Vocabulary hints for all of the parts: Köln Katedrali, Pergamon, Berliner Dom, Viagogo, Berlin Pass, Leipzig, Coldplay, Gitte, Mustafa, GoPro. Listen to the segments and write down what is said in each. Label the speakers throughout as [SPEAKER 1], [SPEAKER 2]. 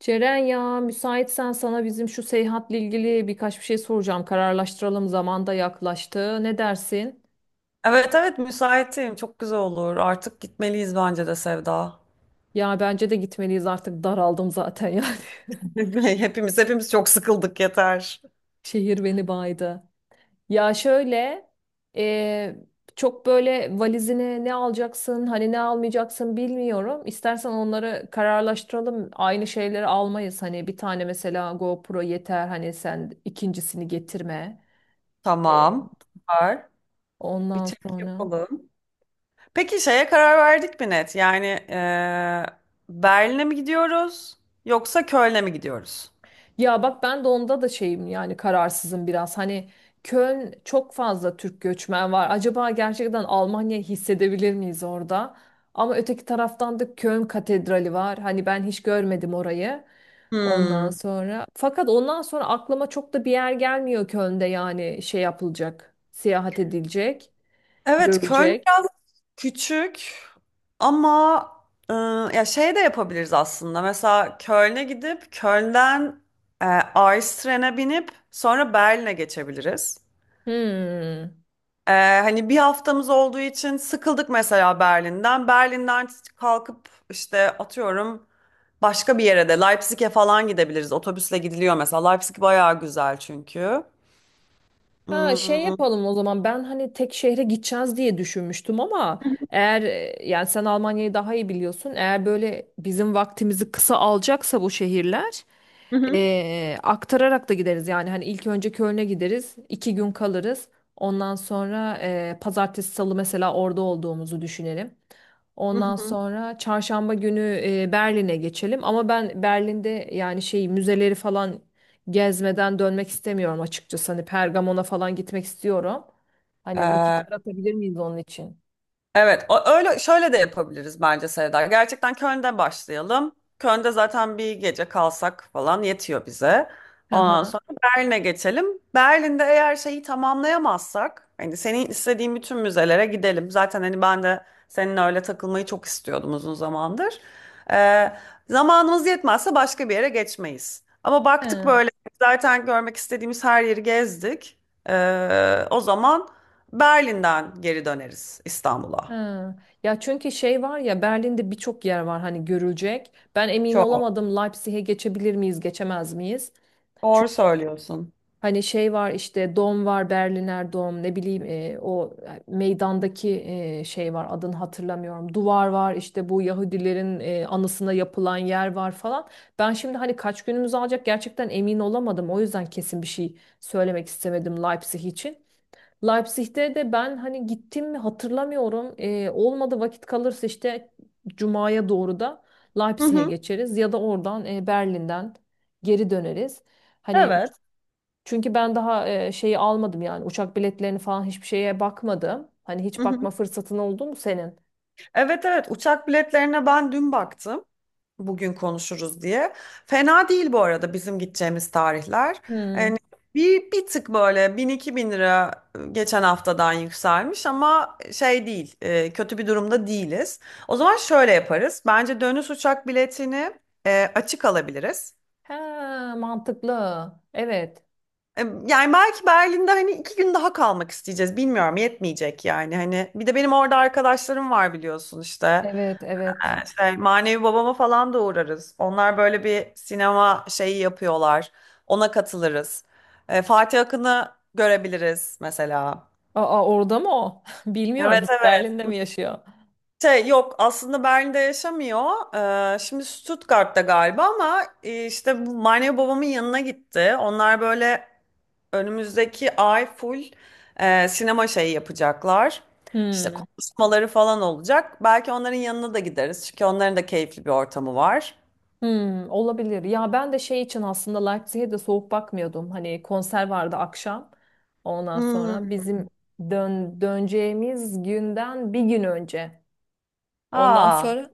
[SPEAKER 1] Ceren ya müsaitsen sana bizim şu seyahatle ilgili birkaç bir şey soracağım. Kararlaştıralım zaman da yaklaştı. Ne dersin?
[SPEAKER 2] Evet evet müsaitim. Çok güzel olur. Artık gitmeliyiz bence de Sevda.
[SPEAKER 1] Ya bence de gitmeliyiz artık daraldım zaten yani.
[SPEAKER 2] Hepimiz çok sıkıldık yeter.
[SPEAKER 1] Şehir beni baydı. Ya şöyle e, çok böyle valizine ne alacaksın hani ne almayacaksın bilmiyorum. İstersen onları kararlaştıralım. Aynı şeyleri almayız. Hani bir tane mesela GoPro yeter hani sen ikincisini getirme. E,
[SPEAKER 2] Tamam. Var. Bir
[SPEAKER 1] Ondan
[SPEAKER 2] çek
[SPEAKER 1] sonra.
[SPEAKER 2] yapalım. Peki şeye karar verdik mi net? Yani Berlin'e mi gidiyoruz yoksa Köln'e mi gidiyoruz?
[SPEAKER 1] Ya bak ben de onda da şeyim yani kararsızım biraz. Hani Köln çok fazla Türk göçmen var. Acaba gerçekten Almanya hissedebilir miyiz orada? Ama öteki taraftan da Köln Katedrali var. Hani ben hiç görmedim orayı. Ondan
[SPEAKER 2] Hmm.
[SPEAKER 1] sonra fakat ondan sonra aklıma çok da bir yer gelmiyor Köln'de yani şey yapılacak, seyahat edilecek,
[SPEAKER 2] Evet, Köln
[SPEAKER 1] görülecek.
[SPEAKER 2] biraz küçük. Ama e, ya şey de yapabiliriz aslında. Mesela Köln'e gidip Köln'den Ice binip sonra Berlin'e geçebiliriz.
[SPEAKER 1] Hmm.
[SPEAKER 2] E, hani bir haftamız olduğu için sıkıldık mesela Berlin'den. Berlin'den kalkıp işte atıyorum başka bir yere de Leipzig'e falan gidebiliriz. Otobüsle gidiliyor mesela. Leipzig bayağı güzel çünkü.
[SPEAKER 1] Ha şey
[SPEAKER 2] Hmm.
[SPEAKER 1] yapalım o zaman ben hani tek şehre gideceğiz diye düşünmüştüm ama eğer yani sen Almanya'yı daha iyi biliyorsun eğer böyle bizim vaktimizi kısa alacaksa bu şehirler
[SPEAKER 2] Hı hı.
[SPEAKER 1] aktararak da gideriz yani hani ilk önce Köln'e gideriz iki gün kalırız ondan sonra pazartesi salı mesela orada olduğumuzu düşünelim. Ondan
[SPEAKER 2] Hı
[SPEAKER 1] sonra çarşamba günü Berlin'e geçelim. Ama ben Berlin'de yani şey müzeleri falan gezmeden dönmek istemiyorum açıkçası. Hani Pergamon'a falan gitmek istiyorum. Hani vakit
[SPEAKER 2] hı.
[SPEAKER 1] yaratabilir miyiz onun için?
[SPEAKER 2] Evet, öyle şöyle de yapabiliriz bence Seda. Gerçekten Köln'de başlayalım. Köln'de zaten bir gece kalsak falan yetiyor bize.
[SPEAKER 1] Hı
[SPEAKER 2] Ondan
[SPEAKER 1] hı.
[SPEAKER 2] sonra Berlin'e geçelim. Berlin'de eğer şeyi tamamlayamazsak, hani senin istediğin bütün müzelere gidelim. Zaten hani ben de seninle öyle takılmayı çok istiyordum uzun zamandır. Ee, zamanımız yetmezse başka bir yere geçmeyiz. Ama baktık
[SPEAKER 1] Hı,
[SPEAKER 2] böyle zaten görmek istediğimiz her yeri gezdik. O zaman Berlin'den geri döneriz İstanbul'a.
[SPEAKER 1] hı. Ya çünkü şey var ya Berlin'de birçok yer var hani görülecek. Ben emin
[SPEAKER 2] Çok.
[SPEAKER 1] olamadım Leipzig'e geçebilir miyiz, geçemez miyiz?
[SPEAKER 2] Doğru söylüyorsun.
[SPEAKER 1] Hani şey var işte Dom var Berliner Dom ne bileyim o meydandaki şey var adını hatırlamıyorum. Duvar var işte bu Yahudilerin anısına yapılan yer var falan. Ben şimdi hani kaç günümüz alacak gerçekten emin olamadım. O yüzden kesin bir şey söylemek istemedim Leipzig için. Leipzig'te de ben hani gittim mi hatırlamıyorum. Olmadı vakit kalırsa işte Cuma'ya doğru da
[SPEAKER 2] Hı
[SPEAKER 1] Leipzig'e
[SPEAKER 2] hı.
[SPEAKER 1] geçeriz ya da oradan Berlin'den geri döneriz. Hani
[SPEAKER 2] Evet.
[SPEAKER 1] çünkü ben daha şeyi almadım yani uçak biletlerini falan hiçbir şeye bakmadım. Hani
[SPEAKER 2] Hı
[SPEAKER 1] hiç
[SPEAKER 2] hı.
[SPEAKER 1] bakma fırsatın oldu mu senin?
[SPEAKER 2] Evet evet, uçak biletlerine ben dün baktım. Bugün konuşuruz diye. Fena değil bu arada bizim gideceğimiz tarihler.
[SPEAKER 1] Hmm.
[SPEAKER 2] Yani bir tık böyle 1.000-2.000 lira geçen haftadan yükselmiş ama şey değil, kötü bir durumda değiliz. O zaman şöyle yaparız. Bence dönüş uçak biletini açık alabiliriz.
[SPEAKER 1] He, mantıklı. Evet.
[SPEAKER 2] Yani belki Berlin'de hani iki gün daha kalmak isteyeceğiz. Bilmiyorum, yetmeyecek yani. Hani bir de benim orada arkadaşlarım var biliyorsun işte.
[SPEAKER 1] Evet, evet.
[SPEAKER 2] Şey, manevi babama falan da uğrarız. Onlar böyle bir sinema şeyi yapıyorlar. Ona katılırız. Fatih Akın'ı görebiliriz mesela.
[SPEAKER 1] Aa orada mı o? Bilmiyorum
[SPEAKER 2] Evet
[SPEAKER 1] hiç
[SPEAKER 2] evet.
[SPEAKER 1] Berlin'de mi yaşıyor?
[SPEAKER 2] Şey yok aslında, Berlin'de yaşamıyor. Şimdi Stuttgart'ta galiba ama işte bu manevi babamın yanına gitti. Onlar böyle önümüzdeki ay full sinema şeyi yapacaklar. İşte
[SPEAKER 1] Hmm.
[SPEAKER 2] konuşmaları falan olacak. Belki onların yanına da gideriz. Çünkü onların da keyifli bir ortamı var.
[SPEAKER 1] Hmm, olabilir. Ya ben de şey için aslında Leipzig'e de soğuk bakmıyordum. Hani konser vardı akşam. Ondan
[SPEAKER 2] Hmm.
[SPEAKER 1] sonra bizim döneceğimiz günden bir gün önce. Ondan
[SPEAKER 2] Aa,
[SPEAKER 1] sonra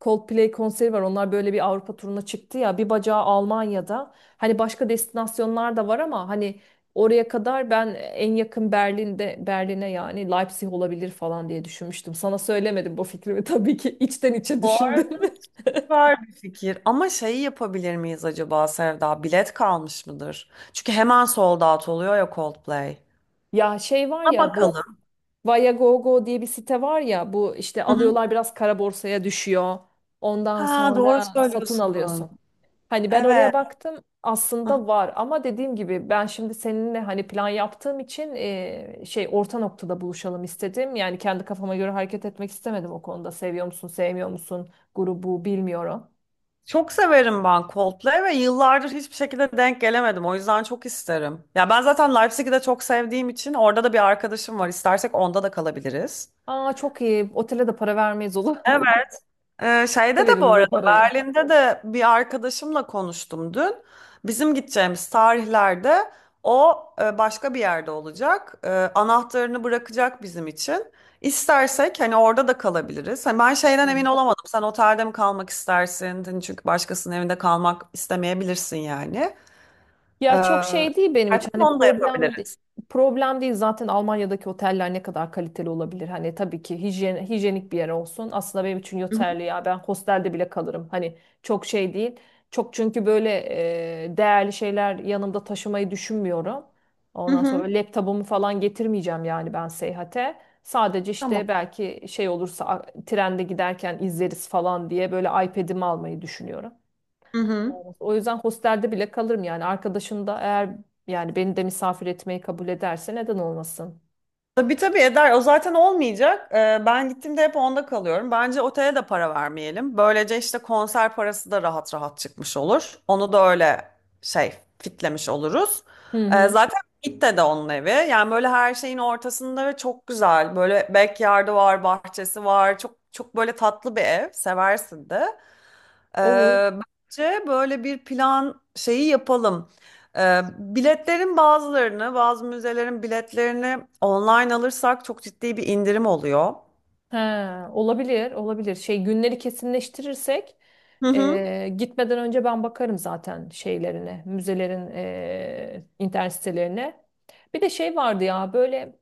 [SPEAKER 1] Coldplay konseri var. Onlar böyle bir Avrupa turuna çıktı ya. Bir bacağı Almanya'da. Hani başka destinasyonlar da var ama hani oraya kadar ben en yakın Berlin'de Berlin'e yani Leipzig olabilir falan diye düşünmüştüm. Sana söylemedim bu fikrimi tabii ki içten içe
[SPEAKER 2] bu arada
[SPEAKER 1] düşündüm.
[SPEAKER 2] süper bir fikir. Ama şeyi yapabilir miyiz acaba Sevda? Bilet kalmış mıdır? Çünkü hemen sold out oluyor ya Coldplay.
[SPEAKER 1] Ya şey var
[SPEAKER 2] Ona
[SPEAKER 1] ya bu
[SPEAKER 2] bakalım.
[SPEAKER 1] Viagogo diye bir site var ya bu işte
[SPEAKER 2] Hı hı.
[SPEAKER 1] alıyorlar biraz kara borsaya düşüyor. Ondan
[SPEAKER 2] Ha, doğru
[SPEAKER 1] sonra satın
[SPEAKER 2] söylüyorsun.
[SPEAKER 1] alıyorsun. Hani ben oraya
[SPEAKER 2] Evet.
[SPEAKER 1] baktım aslında var ama dediğim gibi ben şimdi seninle hani plan yaptığım için şey orta noktada buluşalım istedim. Yani kendi kafama göre hareket etmek istemedim o konuda. Seviyor musun, sevmiyor musun grubu bilmiyorum.
[SPEAKER 2] Çok severim ben Coldplay ve yıllardır hiçbir şekilde denk gelemedim. O yüzden çok isterim. Ya ben zaten Leipzig'i de çok sevdiğim için orada da bir arkadaşım var. İstersek onda da kalabiliriz.
[SPEAKER 1] Aa çok iyi. Otele de para vermeyiz olur.
[SPEAKER 2] Ee, şeyde de bu
[SPEAKER 1] Veririz o
[SPEAKER 2] arada
[SPEAKER 1] parayı.
[SPEAKER 2] Berlin'de de bir arkadaşımla konuştum dün. Bizim gideceğimiz tarihlerde o başka bir yerde olacak. Anahtarını bırakacak bizim için. İstersek hani orada da kalabiliriz. Hani ben şeyden emin olamadım. Sen otelde mi kalmak istersin? Hani çünkü başkasının evinde kalmak istemeyebilirsin yani. Ee,
[SPEAKER 1] Ya çok şey değil benim için.
[SPEAKER 2] istersen
[SPEAKER 1] Hani
[SPEAKER 2] onu da yapabiliriz.
[SPEAKER 1] problem değil zaten Almanya'daki oteller ne kadar kaliteli olabilir. Hani tabii ki hijyen, hijyenik bir yer olsun. Aslında benim için
[SPEAKER 2] Hı hı.
[SPEAKER 1] yeterli ya. Ben hostelde bile kalırım. Hani çok şey değil. Çok çünkü böyle değerli şeyler yanımda taşımayı düşünmüyorum.
[SPEAKER 2] Hı
[SPEAKER 1] Ondan sonra
[SPEAKER 2] hı.
[SPEAKER 1] böyle laptopumu falan getirmeyeceğim yani ben seyahate. Sadece
[SPEAKER 2] Tamam.
[SPEAKER 1] işte belki şey olursa trende giderken izleriz falan diye böyle iPad'imi almayı düşünüyorum.
[SPEAKER 2] Hı hı.
[SPEAKER 1] Olmaz. O yüzden hostelde bile kalırım yani. Arkadaşın da eğer yani beni de misafir etmeyi kabul ederse neden olmasın?
[SPEAKER 2] Tabii tabii eder. O zaten olmayacak. Ben gittiğimde hep onda kalıyorum. Bence otele de para vermeyelim. Böylece işte konser parası da rahat rahat çıkmış olur. Onu da öyle şey fitlemiş oluruz.
[SPEAKER 1] Hı
[SPEAKER 2] Ee,
[SPEAKER 1] hı.
[SPEAKER 2] zaten Gitte de onun evi. Yani böyle her şeyin ortasında ve çok güzel. Böyle backyard'ı var, bahçesi var. Çok çok böyle tatlı bir ev. Seversin de. Ee,
[SPEAKER 1] Olur.
[SPEAKER 2] bence böyle bir plan şeyi yapalım. Biletlerin bazılarını, bazı müzelerin biletlerini online alırsak çok ciddi bir indirim oluyor.
[SPEAKER 1] He, olabilir, olabilir. Şey günleri kesinleştirirsek
[SPEAKER 2] Hı hı.
[SPEAKER 1] gitmeden önce ben bakarım zaten şeylerine, müzelerin internet sitelerine. Bir de şey vardı ya böyle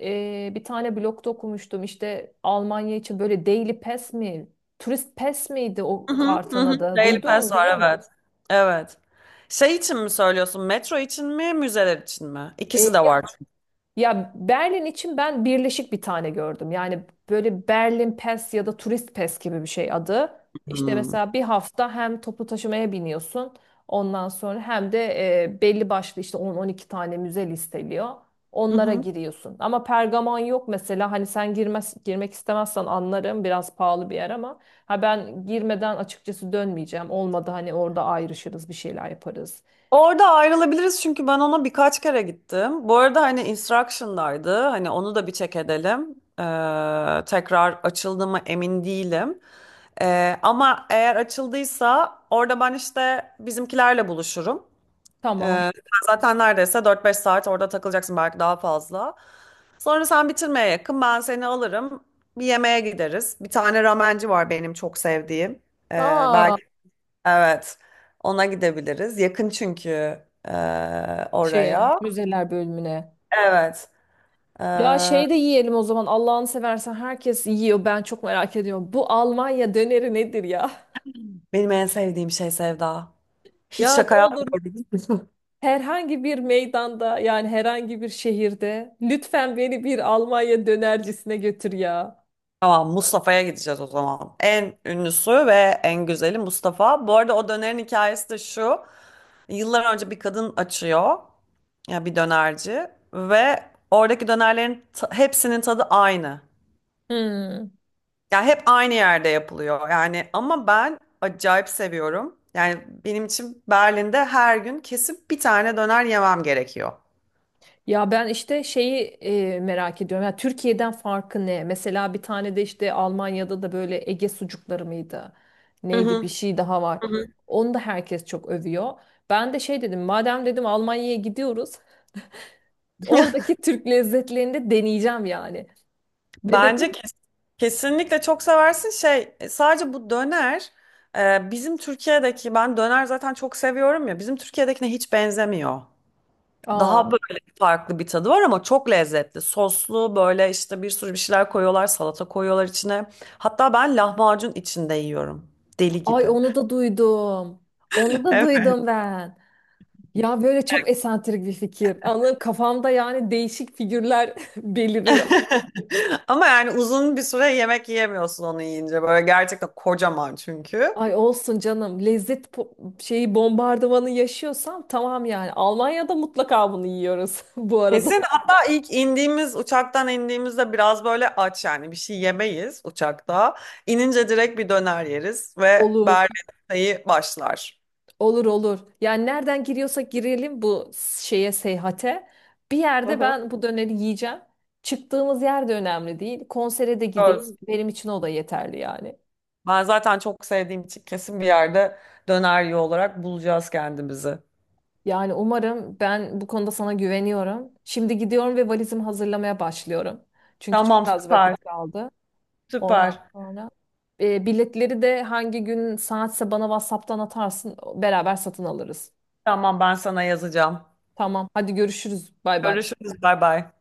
[SPEAKER 1] bir tane blogda okumuştum işte Almanya için böyle Daily Pass mi, Turist Pass miydi o
[SPEAKER 2] Hı hı. Hı
[SPEAKER 1] kartın
[SPEAKER 2] hı.
[SPEAKER 1] adı?
[SPEAKER 2] Daily
[SPEAKER 1] Duydun
[SPEAKER 2] Pass
[SPEAKER 1] mu
[SPEAKER 2] var
[SPEAKER 1] biliyor musun?
[SPEAKER 2] evet. Evet. Şey için mi söylüyorsun? Metro için mi, müzeler için mi? İkisi de var çünkü.
[SPEAKER 1] Ya Berlin için ben birleşik bir tane gördüm. Yani böyle Berlin Pass ya da Turist Pass gibi bir şey adı. İşte
[SPEAKER 2] Hmm.
[SPEAKER 1] mesela bir hafta hem toplu taşımaya biniyorsun. Ondan sonra hem de belli başlı işte 10-12 tane müze listeliyor.
[SPEAKER 2] Hı
[SPEAKER 1] Onlara
[SPEAKER 2] hı.
[SPEAKER 1] giriyorsun. Ama Pergamon yok mesela. Hani sen girmez, girmek istemezsen anlarım. Biraz pahalı bir yer ama ha ben girmeden açıkçası dönmeyeceğim. Olmadı hani orada ayrışırız, bir şeyler yaparız.
[SPEAKER 2] Orada ayrılabiliriz çünkü ben ona birkaç kere gittim. Bu arada hani instruction'daydı. Hani onu da bir check edelim. Tekrar açıldı mı emin değilim. Ama eğer açıldıysa orada ben işte bizimkilerle buluşurum.
[SPEAKER 1] Tamam.
[SPEAKER 2] Sen zaten neredeyse 4-5 saat orada takılacaksın, belki daha fazla. Sonra sen bitirmeye yakın ben seni alırım. Bir yemeğe gideriz. Bir tane ramenci var benim çok sevdiğim. Ee,
[SPEAKER 1] Aa
[SPEAKER 2] Evet. Ona gidebiliriz. Yakın çünkü e,
[SPEAKER 1] şeye,
[SPEAKER 2] oraya.
[SPEAKER 1] müzeler bölümüne.
[SPEAKER 2] Evet. E,
[SPEAKER 1] Ya şey de yiyelim o zaman Allah'ını seversen herkes yiyor ben çok merak ediyorum. Bu Almanya döneri nedir ya?
[SPEAKER 2] benim en sevdiğim şey Sevda. Hiç
[SPEAKER 1] Ya ne
[SPEAKER 2] şaka
[SPEAKER 1] olur
[SPEAKER 2] yapmıyorum.
[SPEAKER 1] herhangi bir meydanda yani herhangi bir şehirde lütfen beni bir Almanya dönercisine götür ya.
[SPEAKER 2] Tamam, Mustafa'ya gideceğiz o zaman. En ünlüsü ve en güzeli Mustafa. Bu arada o dönerin hikayesi de şu. Yıllar önce bir kadın açıyor. Ya bir dönerci ve oradaki dönerlerin hepsinin tadı aynı.
[SPEAKER 1] Hmm.
[SPEAKER 2] Ya hep aynı yerde yapılıyor yani, ama ben acayip seviyorum. Yani benim için Berlin'de her gün kesip bir tane döner yemem gerekiyor.
[SPEAKER 1] Ya ben işte şeyi merak ediyorum. Ya Türkiye'den farkı ne? Mesela bir tane de işte Almanya'da da böyle Ege sucukları mıydı?
[SPEAKER 2] Hı
[SPEAKER 1] Neydi bir
[SPEAKER 2] hı,
[SPEAKER 1] şey daha
[SPEAKER 2] hı
[SPEAKER 1] var.
[SPEAKER 2] hı.
[SPEAKER 1] Onu da herkes çok övüyor. Ben de şey dedim, madem dedim Almanya'ya gidiyoruz, oradaki Türk lezzetlerini de deneyeceğim yani. Ve dedim
[SPEAKER 2] Bence kesinlikle çok seversin. Şey sadece bu döner bizim Türkiye'deki, ben döner zaten çok seviyorum ya, bizim Türkiye'dekine hiç benzemiyor.
[SPEAKER 1] aa
[SPEAKER 2] Daha böyle farklı bir tadı var ama çok lezzetli. Soslu böyle, işte bir sürü bir şeyler koyuyorlar, salata koyuyorlar içine. Hatta ben lahmacun içinde yiyorum. Deli
[SPEAKER 1] ay
[SPEAKER 2] gibi.
[SPEAKER 1] onu da duydum. Onu da duydum ben. Ya böyle çok esantrik bir fikir. Anladın kafamda yani değişik figürler beliriyor.
[SPEAKER 2] Ama yani uzun bir süre yemek yiyemiyorsun onu yiyince. Böyle gerçekten kocaman çünkü.
[SPEAKER 1] Ay olsun canım lezzet şeyi bombardımanı yaşıyorsam tamam yani. Almanya'da mutlaka bunu yiyoruz bu arada.
[SPEAKER 2] Kesin, hatta ilk indiğimiz, uçaktan indiğimizde biraz böyle aç, yani bir şey yemeyiz uçakta. İnince direkt bir döner yeriz ve
[SPEAKER 1] Olur.
[SPEAKER 2] Berlin sayı başlar.
[SPEAKER 1] Olur olur. Yani nereden giriyorsak girelim bu şeye seyahate. Bir
[SPEAKER 2] Hı
[SPEAKER 1] yerde
[SPEAKER 2] hı.
[SPEAKER 1] ben bu döneri yiyeceğim. Çıktığımız yer de önemli değil. Konsere de
[SPEAKER 2] Görürüz.
[SPEAKER 1] gideyim. Benim için o da yeterli yani.
[SPEAKER 2] Ben zaten çok sevdiğim için kesin bir yerde döner yiyor olarak bulacağız kendimizi.
[SPEAKER 1] Yani umarım ben bu konuda sana güveniyorum. Şimdi gidiyorum ve valizimi hazırlamaya başlıyorum. Çünkü çok
[SPEAKER 2] Tamam,
[SPEAKER 1] az
[SPEAKER 2] süper
[SPEAKER 1] vakit kaldı. Ondan
[SPEAKER 2] süper.
[SPEAKER 1] sonra biletleri de hangi gün saatse bana WhatsApp'tan atarsın. Beraber satın alırız.
[SPEAKER 2] Tamam, ben sana yazacağım.
[SPEAKER 1] Tamam. Hadi görüşürüz. Bay bay.
[SPEAKER 2] Görüşürüz, bay bay.